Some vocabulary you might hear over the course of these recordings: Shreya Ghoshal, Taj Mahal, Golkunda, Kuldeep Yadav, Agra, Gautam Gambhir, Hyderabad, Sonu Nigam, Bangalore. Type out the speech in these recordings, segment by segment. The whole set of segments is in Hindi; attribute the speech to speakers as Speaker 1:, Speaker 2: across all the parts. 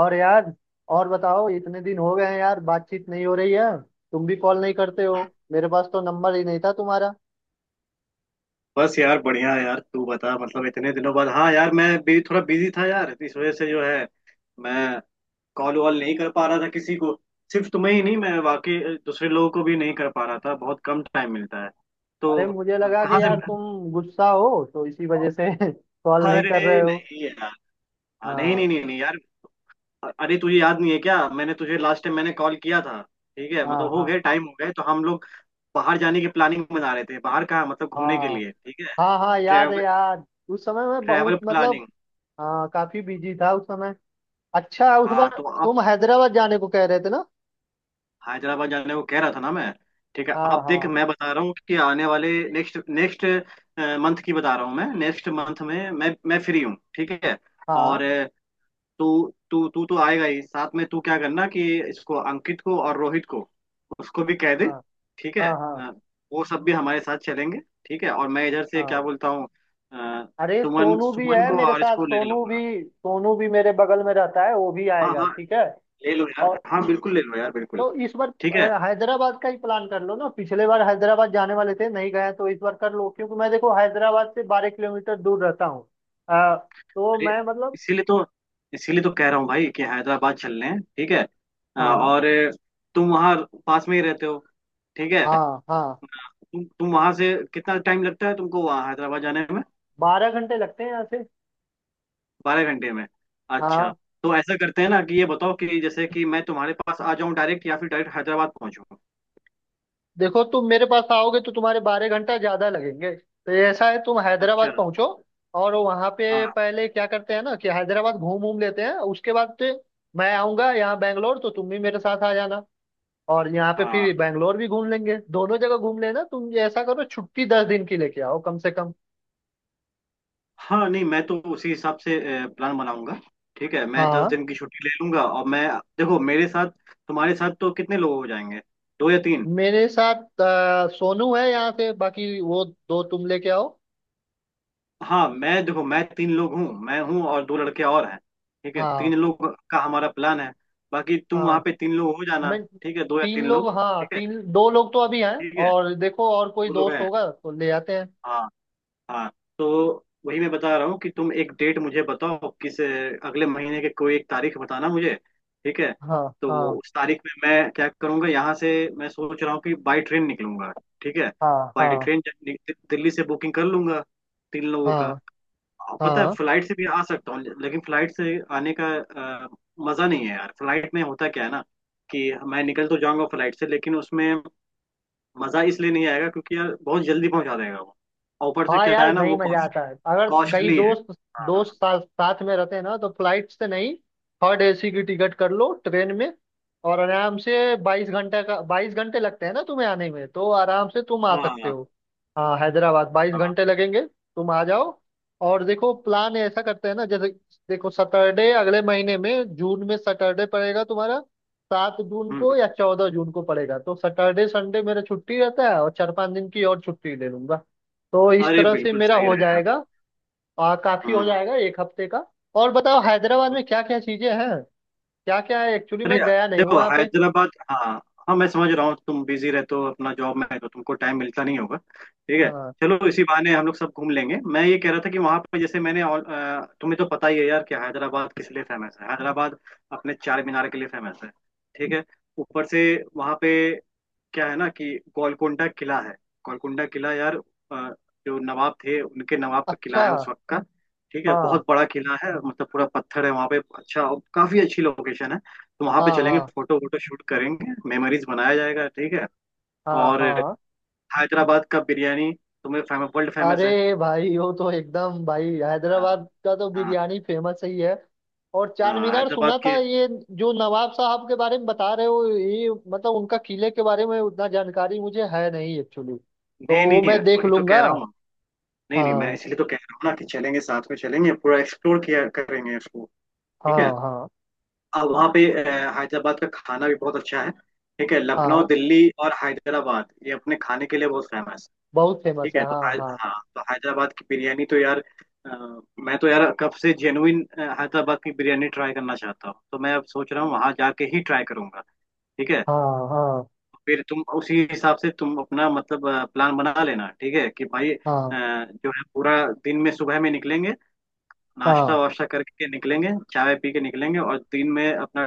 Speaker 1: और यार, और बताओ, इतने दिन हो गए हैं यार, बातचीत नहीं हो रही है। तुम भी कॉल नहीं करते हो। मेरे पास तो नंबर ही नहीं था तुम्हारा।
Speaker 2: बस यार बढ़िया यार। तू बता मतलब इतने दिनों बाद। हाँ यार मैं भी थोड़ा बिजी था यार इस वजह से जो है मैं कॉल वॉल नहीं कर पा रहा था किसी को। सिर्फ तुम्हें ही नहीं मैं वाकई दूसरे लोगों को भी नहीं कर पा रहा था। बहुत कम टाइम मिलता है तो।
Speaker 1: अरे, मुझे लगा कि
Speaker 2: कहाँ से?
Speaker 1: यार तुम गुस्सा हो तो इसी वजह से कॉल नहीं कर रहे
Speaker 2: अरे
Speaker 1: हो।
Speaker 2: नहीं यार। हाँ, नहीं
Speaker 1: हाँ
Speaker 2: नहीं नहीं नहीं यार। अरे तुझे याद नहीं है क्या? मैंने तुझे लास्ट टाइम मैंने कॉल किया था। ठीक है मतलब
Speaker 1: हाँ
Speaker 2: हो
Speaker 1: हाँ
Speaker 2: गए टाइम हो गए तो हम लोग बाहर जाने की प्लानिंग बना रहे थे। बाहर कहाँ? मतलब घूमने के
Speaker 1: हाँ।
Speaker 2: लिए। ठीक है।
Speaker 1: हाँ हाँ, याद है
Speaker 2: ट्रैवल।
Speaker 1: यार। उस समय मैं
Speaker 2: ट्रैवल
Speaker 1: बहुत मतलब,
Speaker 2: प्लानिंग।
Speaker 1: हाँ काफी बिजी था उस समय। अच्छा, उस
Speaker 2: हाँ
Speaker 1: बार
Speaker 2: तो अब
Speaker 1: तुम हैदराबाद जाने को कह रहे थे ना।
Speaker 2: हैदराबाद जाने को कह रहा था ना मैं। ठीक है
Speaker 1: हाँ
Speaker 2: अब देख
Speaker 1: हाँ
Speaker 2: मैं बता रहा हूँ कि आने वाले नेक्स्ट नेक्स्ट मंथ की बता रहा हूँ। मैं नेक्स्ट मंथ में मैं फ्री हूँ। ठीक है।
Speaker 1: हाँ
Speaker 2: और तू तू तू तो आएगा ही साथ में। तू क्या करना कि इसको अंकित को और रोहित को उसको भी कह दे।
Speaker 1: हाँ
Speaker 2: ठीक है।
Speaker 1: हाँ हाँ
Speaker 2: अ, वो सब भी हमारे साथ चलेंगे। ठीक है और मैं इधर से क्या
Speaker 1: हाँ।
Speaker 2: बोलता हूँ अ,
Speaker 1: अरे,
Speaker 2: सुमन
Speaker 1: सोनू भी
Speaker 2: सुमन
Speaker 1: है
Speaker 2: को
Speaker 1: मेरे
Speaker 2: और
Speaker 1: साथ,
Speaker 2: इसको ले
Speaker 1: सोनू भी।
Speaker 2: लूंगा।
Speaker 1: सोनू भी मेरे बगल में रहता है, वो भी
Speaker 2: हाँ
Speaker 1: आएगा,
Speaker 2: हाँ
Speaker 1: ठीक है।
Speaker 2: ले लो यार।
Speaker 1: और
Speaker 2: हाँ बिल्कुल ले लो यार बिल्कुल।
Speaker 1: तो इस बार
Speaker 2: ठीक है।
Speaker 1: हैदराबाद का ही प्लान कर लो ना, पिछले बार हैदराबाद जाने वाले थे, नहीं गए, तो इस बार कर लो, क्योंकि मैं देखो हैदराबाद से 12 किलोमीटर दूर रहता हूँ। अ, तो
Speaker 2: अरे,
Speaker 1: मैं मतलब।
Speaker 2: इसीलिए तो। इसीलिए तो कह रहा हूँ भाई कि हैदराबाद चल लें। ठीक है।
Speaker 1: हाँ
Speaker 2: और तुम वहाँ पास में ही रहते हो। ठीक है।
Speaker 1: हाँ हाँ।
Speaker 2: तुम वहाँ से कितना टाइम लगता है तुमको वहाँ हैदराबाद जाने में?
Speaker 1: 12 घंटे लगते हैं यहाँ से।
Speaker 2: 12 घंटे में? अच्छा।
Speaker 1: हाँ,
Speaker 2: तो ऐसा करते हैं ना कि ये बताओ कि जैसे कि मैं तुम्हारे पास आ जाऊँ डायरेक्ट या फिर डायरेक्ट हैदराबाद पहुँचूँ?
Speaker 1: देखो तुम मेरे पास आओगे तो तुम्हारे 12 घंटा ज्यादा लगेंगे, तो ये ऐसा है, तुम
Speaker 2: अच्छा।
Speaker 1: हैदराबाद पहुंचो। और वहां पे
Speaker 2: हाँ
Speaker 1: पहले क्या करते हैं ना, कि हैदराबाद घूम घूम लेते हैं, उसके बाद से मैं आऊंगा यहाँ बैंगलोर, तो तुम भी मेरे साथ आ जाना। और यहाँ पे
Speaker 2: हाँ।
Speaker 1: फिर बैंगलोर भी घूम लेंगे, दोनों जगह घूम लेना। तुम ये ऐसा करो, छुट्टी 10 दिन की लेके आओ कम से कम।
Speaker 2: हाँ नहीं मैं तो उसी हिसाब से प्लान बनाऊंगा। ठीक है मैं दस
Speaker 1: हाँ।
Speaker 2: दिन की छुट्टी ले लूंगा। और मैं देखो मेरे साथ तुम्हारे साथ तो कितने लोग हो जाएंगे? दो या तीन?
Speaker 1: मेरे साथ सोनू है यहाँ से, बाकी वो दो तुम लेके आओ।
Speaker 2: हाँ मैं देखो मैं तीन लोग हूँ। मैं हूँ और दो लड़के और हैं। ठीक है
Speaker 1: हाँ
Speaker 2: तीन लोग का हमारा प्लान है। बाकी तुम वहाँ
Speaker 1: हाँ।
Speaker 2: पे तीन लोग हो जाना।
Speaker 1: मैं
Speaker 2: ठीक है दो या
Speaker 1: तीन
Speaker 2: तीन
Speaker 1: लोग,
Speaker 2: लोग।
Speaker 1: हाँ,
Speaker 2: ठीक है।
Speaker 1: तीन दो लोग तो अभी हैं।
Speaker 2: ठीक है।
Speaker 1: और देखो, और कोई
Speaker 2: दो लोग
Speaker 1: दोस्त
Speaker 2: हैं।
Speaker 1: होगा तो ले आते हैं।
Speaker 2: हाँ हाँ। तो वही मैं बता रहा हूँ कि तुम एक डेट मुझे बताओ किस अगले महीने के कोई एक तारीख बताना मुझे। ठीक है।
Speaker 1: हाँ
Speaker 2: तो
Speaker 1: हाँ
Speaker 2: उस तारीख में मैं क्या करूँगा यहाँ से मैं सोच रहा हूँ कि बाई ट्रेन निकलूंगा। ठीक है।
Speaker 1: हाँ
Speaker 2: बाई
Speaker 1: हाँ
Speaker 2: ट्रेन दिल्ली से बुकिंग कर लूंगा तीन लोगों का।
Speaker 1: हाँ
Speaker 2: हाँ, पता है
Speaker 1: हाँ।
Speaker 2: फ्लाइट से भी आ सकता हूँ लेकिन फ्लाइट से आने का अ, मजा नहीं है यार। फ्लाइट में होता क्या है ना कि मैं निकल तो जाऊंगा फ्लाइट से लेकिन उसमें मजा इसलिए नहीं आएगा क्योंकि यार बहुत जल्दी पहुंचा देगा वो। और ऊपर से
Speaker 1: हाँ
Speaker 2: क्या
Speaker 1: यार,
Speaker 2: है ना
Speaker 1: नहीं,
Speaker 2: वो
Speaker 1: मजा आता है अगर कई
Speaker 2: कॉस्टली है।
Speaker 1: दोस्त,
Speaker 2: हाँ
Speaker 1: साथ साथ में रहते हैं ना, तो फ्लाइट से नहीं। थर्ड एसी की टिकट कर लो ट्रेन में। और आराम से 22 घंटे का, 22 घंटे लगते हैं ना तुम्हें आने में, तो आराम से तुम आ
Speaker 2: हाँ।
Speaker 1: सकते
Speaker 2: हाँ,
Speaker 1: हो। हाँ, हैदराबाद बाईस
Speaker 2: हाँ,
Speaker 1: घंटे लगेंगे, तुम आ जाओ। और देखो, प्लान ऐसा करते हैं ना, जैसे देखो सैटरडे, अगले महीने में जून में सैटरडे पड़ेगा तुम्हारा, 7 जून
Speaker 2: हम्म,
Speaker 1: को या
Speaker 2: हम्म।
Speaker 1: 14 जून को पड़ेगा, तो सैटरडे संडे मेरा छुट्टी रहता है, और चार पांच दिन की और छुट्टी ले लूंगा, तो इस
Speaker 2: अरे
Speaker 1: तरह से
Speaker 2: बिल्कुल
Speaker 1: मेरा
Speaker 2: सही
Speaker 1: हो
Speaker 2: रहेगा।
Speaker 1: जाएगा। काफी हो
Speaker 2: हम्म।
Speaker 1: जाएगा एक हफ्ते का। और बताओ, हैदराबाद
Speaker 2: हम्म।
Speaker 1: में क्या क्या चीजें हैं, क्या क्या है, एक्चुअली
Speaker 2: अरे
Speaker 1: मैं गया नहीं हूँ
Speaker 2: देखो
Speaker 1: वहाँ पे।
Speaker 2: हैदराबाद। हाँ हाँ मैं समझ रहा हूँ तुम बिजी रहते हो अपना जॉब में है तो तुमको टाइम मिलता नहीं होगा। ठीक है।
Speaker 1: हाँ।
Speaker 2: चलो इसी बहाने हम लोग सब घूम लेंगे। मैं ये कह रहा था कि वहां पे जैसे मैंने तुम्हें तो पता ही है यार कि हैदराबाद किस लिए फेमस है। हैदराबाद अपने चार मीनार के लिए फेमस है। ठीक है। ऊपर से वहां पे क्या है ना कि गोलकुंडा किला है। गोलकुंडा किला यार। अ, जो नवाब थे उनके नवाब का किला
Speaker 1: अच्छा।
Speaker 2: है उस वक्त का। ठीक है
Speaker 1: हाँ
Speaker 2: बहुत बड़ा किला है मतलब पूरा पत्थर है वहाँ पे। अच्छा। और काफी अच्छी लोकेशन है तो वहाँ पे
Speaker 1: हाँ
Speaker 2: चलेंगे
Speaker 1: हाँ
Speaker 2: फोटो वोटो शूट करेंगे मेमोरीज बनाया जाएगा। ठीक है।
Speaker 1: हाँ
Speaker 2: और
Speaker 1: हाँ।
Speaker 2: हैदराबाद का बिरयानी तुम्हें फेमस वर्ल्ड फेमस है।
Speaker 1: अरे भाई, वो तो एकदम, भाई
Speaker 2: हाँ
Speaker 1: हैदराबाद का तो
Speaker 2: हाँ।
Speaker 1: बिरयानी फेमस ही है। और चार
Speaker 2: हाँ,
Speaker 1: मीनार
Speaker 2: हैदराबाद
Speaker 1: सुना था
Speaker 2: के।
Speaker 1: ये। जो नवाब साहब के बारे में बता रहे हो, ये मतलब उनका किले के बारे में उतना जानकारी मुझे है नहीं, एक्चुअली तो
Speaker 2: नहीं
Speaker 1: वो
Speaker 2: नहीं
Speaker 1: मैं देख
Speaker 2: वही तो कह
Speaker 1: लूंगा।
Speaker 2: रहा हूँ। नहीं नहीं मैं
Speaker 1: हाँ
Speaker 2: इसलिए तो कह रहा हूँ ना कि चलेंगे साथ में चलेंगे पूरा एक्सप्लोर किया करेंगे इसको। ठीक है।
Speaker 1: हाँ हाँ
Speaker 2: और वहाँ पे हैदराबाद का खाना भी बहुत अच्छा है। ठीक है। लखनऊ
Speaker 1: हाँ,
Speaker 2: दिल्ली और हैदराबाद ये अपने खाने के लिए बहुत फेमस है।
Speaker 1: बहुत
Speaker 2: ठीक
Speaker 1: फेमस है,
Speaker 2: है। तो
Speaker 1: हाँ हाँ
Speaker 2: हाँ तो हैदराबाद की बिरयानी तो यार अ, मैं तो यार कब से जेनुइन हैदराबाद की बिरयानी ट्राई करना चाहता हूँ। तो मैं अब सोच रहा हूँ वहाँ जाके ही ट्राई करूंगा। ठीक है।
Speaker 1: हाँ हाँ
Speaker 2: फिर तुम उसी हिसाब से तुम अपना मतलब प्लान बना लेना। ठीक है कि भाई
Speaker 1: हाँ
Speaker 2: जो है पूरा दिन में सुबह में निकलेंगे। नाश्ता
Speaker 1: हाँ
Speaker 2: वाश्ता करके निकलेंगे चाय पी के निकलेंगे और दिन में अपना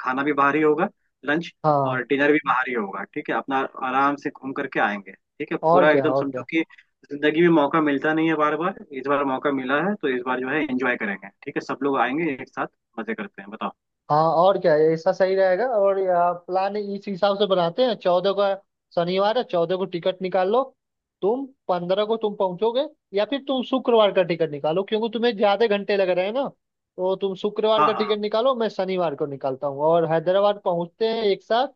Speaker 2: खाना भी बाहर ही होगा लंच
Speaker 1: हाँ।
Speaker 2: और डिनर भी बाहर ही होगा। ठीक है। अपना आराम से घूम करके आएंगे। ठीक है
Speaker 1: और
Speaker 2: पूरा
Speaker 1: क्या,
Speaker 2: एकदम
Speaker 1: और
Speaker 2: समझो
Speaker 1: क्या।
Speaker 2: कि जिंदगी में मौका मिलता नहीं है बार बार। इस बार मौका मिला है तो इस बार जो है एंजॉय करेंगे। ठीक है सब लोग आएंगे एक साथ मजे करते हैं बताओ।
Speaker 1: हाँ और क्या, ऐसा सही रहेगा। और या, प्लान इस हिसाब से बनाते हैं 14 का, शनिवार है 14 को, टिकट निकाल लो, तुम 15 को तुम पहुंचोगे। या फिर तुम शुक्रवार का टिकट निकालो, क्योंकि तुम्हें ज्यादा घंटे लग रहे हैं ना, तो तुम शुक्रवार
Speaker 2: हाँ
Speaker 1: का
Speaker 2: हाँ।
Speaker 1: टिकट निकालो, मैं शनिवार को निकालता हूँ और हैदराबाद पहुंचते हैं एक साथ।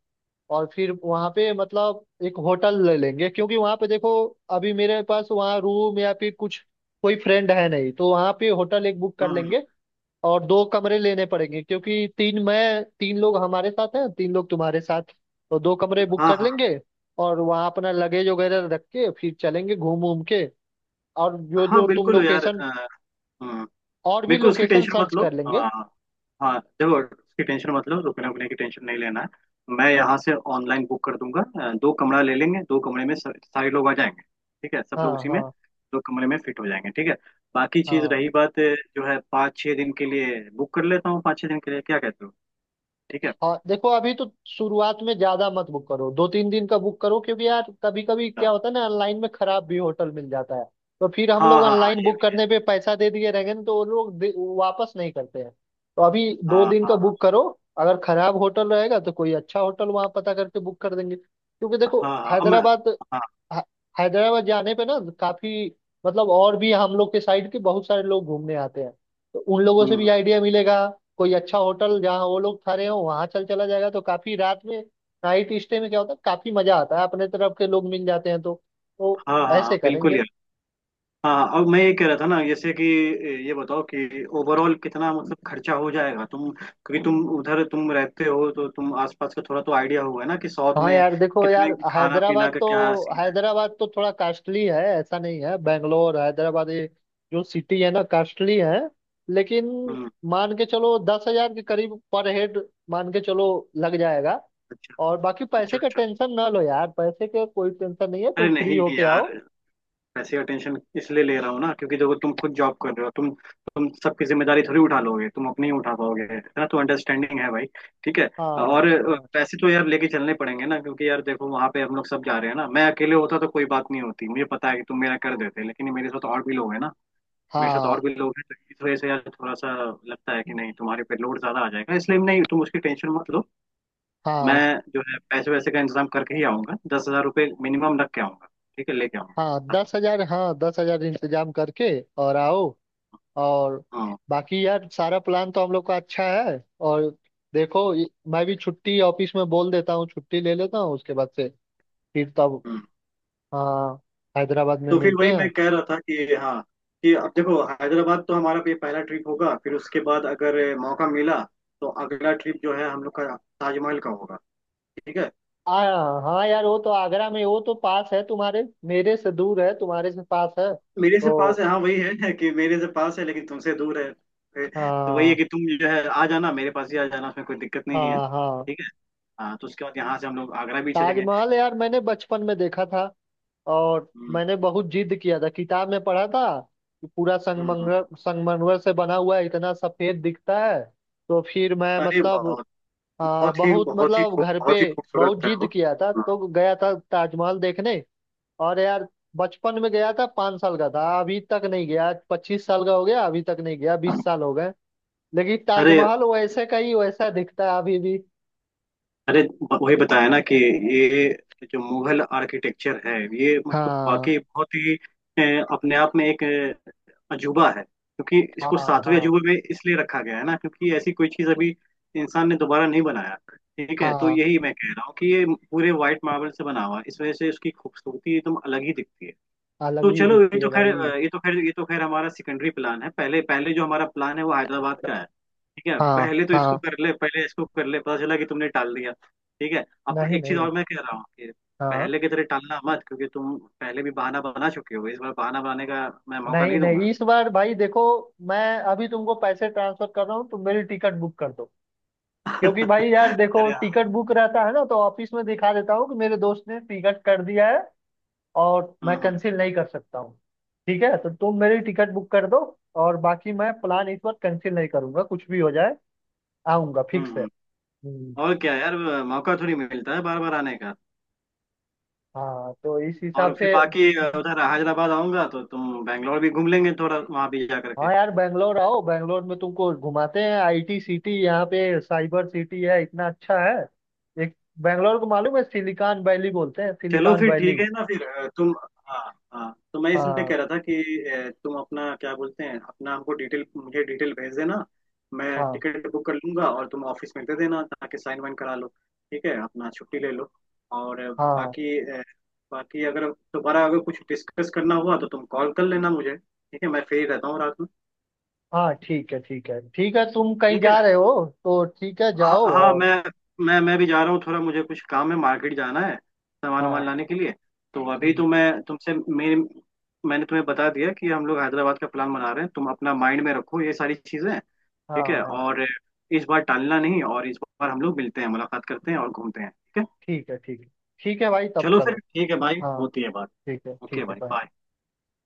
Speaker 1: और फिर वहां पे मतलब एक होटल ले लेंगे, क्योंकि वहां पे देखो, अभी मेरे पास वहाँ रूम या फिर कुछ कोई फ्रेंड है नहीं, तो वहां पे होटल एक बुक कर
Speaker 2: हम्म।
Speaker 1: लेंगे। और दो कमरे लेने पड़ेंगे, क्योंकि तीन मैं तीन लोग हमारे साथ हैं, तीन लोग तुम्हारे साथ, तो दो कमरे बुक
Speaker 2: हाँ
Speaker 1: कर
Speaker 2: हाँ
Speaker 1: लेंगे। और वहाँ अपना लगेज वगैरह रख के फिर चलेंगे घूम घूम के। और
Speaker 2: हाँ।
Speaker 1: जो
Speaker 2: हाँ,
Speaker 1: जो तुम
Speaker 2: बिल्कुल यार।
Speaker 1: लोकेशन,
Speaker 2: हम्म,
Speaker 1: और भी
Speaker 2: बिल्कुल उसकी
Speaker 1: लोकेशन
Speaker 2: टेंशन मत
Speaker 1: सर्च
Speaker 2: लो।
Speaker 1: कर लेंगे।
Speaker 2: हाँ हाँ देखो उसकी टेंशन मत लो। रुकने उकने की टेंशन नहीं लेना है। मैं यहाँ से ऑनलाइन बुक कर दूंगा। दो कमरा ले लेंगे। दो कमरे में सारे लोग आ जाएंगे। ठीक है सब लोग
Speaker 1: हाँ
Speaker 2: उसी में
Speaker 1: हाँ
Speaker 2: दो कमरे में फिट हो जाएंगे। ठीक है। बाकी चीज
Speaker 1: हाँ
Speaker 2: रही बात जो है पाँच छः दिन के लिए बुक कर लेता हूँ। पाँच छः दिन के लिए क्या कहते हो? ठीक है।
Speaker 1: हाँ। देखो, अभी तो शुरुआत में ज्यादा मत बुक करो, दो तीन दिन का बुक करो, क्योंकि यार कभी कभी
Speaker 2: अच्छा।
Speaker 1: क्या होता है ना, ऑनलाइन में खराब भी होटल मिल जाता है। तो फिर हम लोग
Speaker 2: हाँ हाँ हाँ
Speaker 1: ऑनलाइन
Speaker 2: ये
Speaker 1: बुक
Speaker 2: भी है।
Speaker 1: करने पे पैसा दे दिए रहेंगे ना, तो वो लोग वापस नहीं करते हैं, तो अभी दो
Speaker 2: हाँ
Speaker 1: दिन का
Speaker 2: हाँ।
Speaker 1: बुक करो। अगर खराब होटल रहेगा तो कोई अच्छा होटल वहां पता करके बुक कर देंगे, क्योंकि
Speaker 2: हाँ
Speaker 1: देखो
Speaker 2: हाँ हाँ अब मैं।
Speaker 1: हैदराबाद,
Speaker 2: हाँ।
Speaker 1: ह- हैदराबाद जाने पे ना काफी मतलब, और भी हम लोग के साइड के बहुत सारे लोग घूमने आते हैं, तो उन लोगों से भी
Speaker 2: हम्म,
Speaker 1: आइडिया मिलेगा, कोई अच्छा होटल जहाँ वो लोग ठहरे हो वहां चल चला जाएगा, तो काफी रात में, नाइट स्टे में क्या होता है, काफी मजा आता है, अपने तरफ के लोग मिल जाते हैं, तो
Speaker 2: हाँ हाँ हाँ
Speaker 1: ऐसे
Speaker 2: बिल्कुल
Speaker 1: करेंगे।
Speaker 2: यार। हाँ अब मैं ये कह रहा था ना जैसे कि ये बताओ कि ओवरऑल कितना मतलब खर्चा हो जाएगा तुम क्योंकि तुम उधर तुम रहते हो तो तुम आसपास का थोड़ा तो आइडिया होगा ना कि साउथ
Speaker 1: हाँ
Speaker 2: में
Speaker 1: यार देखो, यार
Speaker 2: कितने खाना
Speaker 1: हैदराबाद
Speaker 2: पीना का क्या
Speaker 1: तो,
Speaker 2: सीन है।
Speaker 1: हैदराबाद तो थोड़ा कास्टली है, ऐसा नहीं है, बेंगलोर हैदराबाद ये जो सिटी है ना कास्टली है, लेकिन
Speaker 2: हम्म।
Speaker 1: मान के चलो 10,000 के करीब पर हेड, मान के चलो लग जाएगा।
Speaker 2: अच्छा
Speaker 1: और बाकी
Speaker 2: अच्छा।
Speaker 1: पैसे का
Speaker 2: अच्छा
Speaker 1: टेंशन ना लो यार, पैसे का कोई टेंशन नहीं है,
Speaker 2: अरे
Speaker 1: तुम फ्री
Speaker 2: नहीं
Speaker 1: होके
Speaker 2: यार।
Speaker 1: आओ।
Speaker 2: पैसे का टेंशन इसलिए ले रहा हूँ ना क्योंकि देखो तुम खुद जॉब कर रहे हो तुम सबकी जिम्मेदारी थोड़ी उठा लोगे तुम अपनी ही उठा पाओगे है ना। तो अंडरस्टैंडिंग है भाई। ठीक है। और
Speaker 1: हाँ हाँ
Speaker 2: पैसे तो यार लेके चलने पड़ेंगे ना क्योंकि यार देखो वहां पे हम लोग सब जा रहे हैं ना। मैं अकेले होता तो कोई बात नहीं होती मुझे पता है कि तुम मेरा कर देते लेकिन मेरे साथ और भी लोग हैं ना। मेरे साथ
Speaker 1: हाँ
Speaker 2: और भी लोग हैं तो इस वजह से यार थोड़ा सा लगता है कि नहीं तुम्हारे पे लोड ज्यादा आ जाएगा। इसलिए नहीं तुम उसकी टेंशन मत लो। मैं
Speaker 1: हाँ
Speaker 2: जो है पैसे वैसे का इंतजाम करके ही आऊंगा 10,000 रुपये मिनिमम रख के आऊंगा। ठीक है लेके आऊंगा।
Speaker 1: हाँ, 10,000, हाँ 10,000 इंतजाम करके और आओ। और
Speaker 2: हाँ।
Speaker 1: बाकी यार, सारा प्लान तो हम लोग का अच्छा है। और देखो मैं भी छुट्टी ऑफिस में बोल देता हूँ, छुट्टी ले लेता हूँ उसके बाद से, फिर तब,
Speaker 2: हम्म।
Speaker 1: हाँ हैदराबाद में
Speaker 2: तो फिर
Speaker 1: मिलते
Speaker 2: वही मैं
Speaker 1: हैं।
Speaker 2: कह रहा था कि हाँ कि अब देखो हैदराबाद तो हमारा ये पहला ट्रिप होगा फिर उसके बाद अगर मौका मिला तो अगला ट्रिप जो है हम लोग का ताजमहल का होगा। ठीक है।
Speaker 1: आ, हाँ यार, वो तो आगरा में, वो तो पास है तुम्हारे, मेरे से दूर है, तुम्हारे से पास है
Speaker 2: मेरे से पास
Speaker 1: तो।
Speaker 2: है हाँ वही है कि मेरे से पास है लेकिन तुमसे दूर है। तो वही है
Speaker 1: हाँ
Speaker 2: कि तुम जो है आ जाना मेरे पास ही आ जाना। उसमें कोई दिक्कत नहीं है।
Speaker 1: हाँ हाँ।
Speaker 2: ठीक है। हाँ तो उसके बाद यहाँ से हम लोग आगरा भी चलेंगे।
Speaker 1: ताजमहल यार, मैंने बचपन में देखा था, और
Speaker 2: हम्म,
Speaker 1: मैंने बहुत जिद किया था, किताब में पढ़ा था कि पूरा
Speaker 2: हम्म।
Speaker 1: संगमरमर, संगमरमर से बना हुआ है, इतना सफेद दिखता है। तो फिर मैं
Speaker 2: अरे
Speaker 1: मतलब,
Speaker 2: बहुत
Speaker 1: बहुत
Speaker 2: बहुत ही
Speaker 1: मतलब
Speaker 2: खूब
Speaker 1: घर पे
Speaker 2: बहुत ही
Speaker 1: बहुत
Speaker 2: खूबसूरत है
Speaker 1: जिद
Speaker 2: वो।
Speaker 1: किया था, तो गया था ताजमहल देखने। और यार बचपन में गया था, 5 साल का था, अभी तक नहीं गया, 25 साल का हो गया, अभी तक नहीं गया,
Speaker 2: हाँ।
Speaker 1: 20 साल हो गए। लेकिन
Speaker 2: अरे
Speaker 1: ताजमहल वैसे का ही वैसा दिखता है अभी भी।
Speaker 2: अरे वही बताया ना कि ये जो मुगल आर्किटेक्चर है ये मतलब
Speaker 1: हाँ
Speaker 2: वाकई बहुत ही अपने आप में एक अजूबा है क्योंकि
Speaker 1: हाँ
Speaker 2: इसको सातवें
Speaker 1: हाँ
Speaker 2: अजूबे में इसलिए रखा गया है ना क्योंकि ऐसी कोई चीज़ अभी इंसान ने दोबारा नहीं बनाया। ठीक है। तो
Speaker 1: हाँ,
Speaker 2: यही मैं कह रहा हूँ कि ये पूरे वाइट मार्बल से बना हुआ है इस वजह से उसकी खूबसूरती एकदम अलग ही दिखती है।
Speaker 1: अलग
Speaker 2: तो
Speaker 1: ही
Speaker 2: चलो ये
Speaker 1: दिखती है
Speaker 2: तो खैर
Speaker 1: भाई।
Speaker 2: ये तो खैर ये तो खैर हमारा सेकेंडरी प्लान है। पहले पहले जो हमारा प्लान है वो हैदराबाद का है। ठीक है
Speaker 1: हाँ
Speaker 2: पहले तो इसको
Speaker 1: हाँ,
Speaker 2: कर ले। पहले इसको कर ले पता चला कि तुमने टाल दिया। ठीक है। अब
Speaker 1: नहीं
Speaker 2: एक चीज
Speaker 1: नहीं।
Speaker 2: और मैं कह रहा हूँ कि
Speaker 1: हाँ,
Speaker 2: पहले की तरह टालना मत क्योंकि तुम पहले भी बहाना बना चुके हो। इस बार बहाना बनाने का मैं मौका
Speaker 1: नहीं
Speaker 2: नहीं दूंगा।
Speaker 1: नहीं, इस बार भाई देखो, मैं अभी तुमको पैसे ट्रांसफर कर रहा हूँ, तुम मेरी टिकट बुक कर दो, क्योंकि भाई यार देखो
Speaker 2: अरे हाँ।
Speaker 1: टिकट बुक रहता है ना, तो ऑफिस में दिखा देता हूँ कि मेरे दोस्त ने टिकट कर दिया है, और
Speaker 2: हम्म
Speaker 1: मैं
Speaker 2: हम्म
Speaker 1: कैंसिल नहीं कर सकता हूँ, ठीक है। तो तुम मेरी टिकट बुक कर दो, और बाकी मैं प्लान इस बार कैंसिल नहीं करूंगा, कुछ भी हो जाए, आऊंगा, फिक्स है।
Speaker 2: हम्म।
Speaker 1: हम्म।
Speaker 2: और क्या यार मौका थोड़ी मिलता है बार बार आने का।
Speaker 1: हाँ तो इस
Speaker 2: और
Speaker 1: हिसाब
Speaker 2: फिर
Speaker 1: से,
Speaker 2: बाकी उधर हैदराबाद आऊंगा तो तुम बैंगलोर भी घूम लेंगे थोड़ा वहां भी जा करके।
Speaker 1: हाँ यार बैंगलोर आओ, बैंगलोर में तुमको घुमाते हैं, आईटी सिटी, यहाँ पे साइबर सिटी है, इतना अच्छा है। एक, बैंगलोर को मालूम है सिलिकॉन वैली बोलते हैं,
Speaker 2: चलो
Speaker 1: सिलिकॉन
Speaker 2: फिर
Speaker 1: वैली।
Speaker 2: ठीक है ना। फिर तुम। हाँ हाँ तो मैं इसलिए
Speaker 1: हाँ
Speaker 2: कह रहा था कि तुम अपना क्या बोलते हैं अपना हमको डिटेल मुझे डिटेल भेज देना। मैं
Speaker 1: हाँ
Speaker 2: टिकट बुक कर लूंगा और तुम ऑफिस में दे देना ताकि साइन वाइन करा लो। ठीक है अपना छुट्टी ले लो। और
Speaker 1: हाँ
Speaker 2: बाकी बाकी अगर दोबारा अगर कुछ डिस्कस करना हुआ तो तुम कॉल कर लेना मुझे। ठीक है मैं फ्री रहता हूँ रात में।
Speaker 1: हाँ। ठीक है ठीक है ठीक है, तुम कहीं
Speaker 2: ठीक है।
Speaker 1: जा रहे हो तो ठीक है,
Speaker 2: हाँ
Speaker 1: जाओ,
Speaker 2: हाँ
Speaker 1: और
Speaker 2: मैं मैं भी जा रहा हूँ थोड़ा मुझे कुछ काम है मार्केट जाना है सामान वामान
Speaker 1: हाँ।
Speaker 2: लाने के लिए। तो अभी
Speaker 1: हम्म,
Speaker 2: तो मैं तुमसे मेरे मैंने तुम्हें बता दिया कि हम लोग हैदराबाद का प्लान बना रहे हैं तुम अपना माइंड में रखो ये सारी चीजें। ठीक
Speaker 1: हाँ
Speaker 2: है।
Speaker 1: हाँ
Speaker 2: और इस बार टालना नहीं। और इस बार हम लोग मिलते हैं मुलाकात करते हैं और घूमते हैं। ठीक है।
Speaker 1: ठीक है, ठीक है। ठीक है भाई, तब
Speaker 2: चलो फिर
Speaker 1: चलो।
Speaker 2: ठीक है भाई।
Speaker 1: हाँ
Speaker 2: होती है बात।
Speaker 1: ठीक है,
Speaker 2: ओके
Speaker 1: ठीक है,
Speaker 2: भाई
Speaker 1: बाय।
Speaker 2: बाय।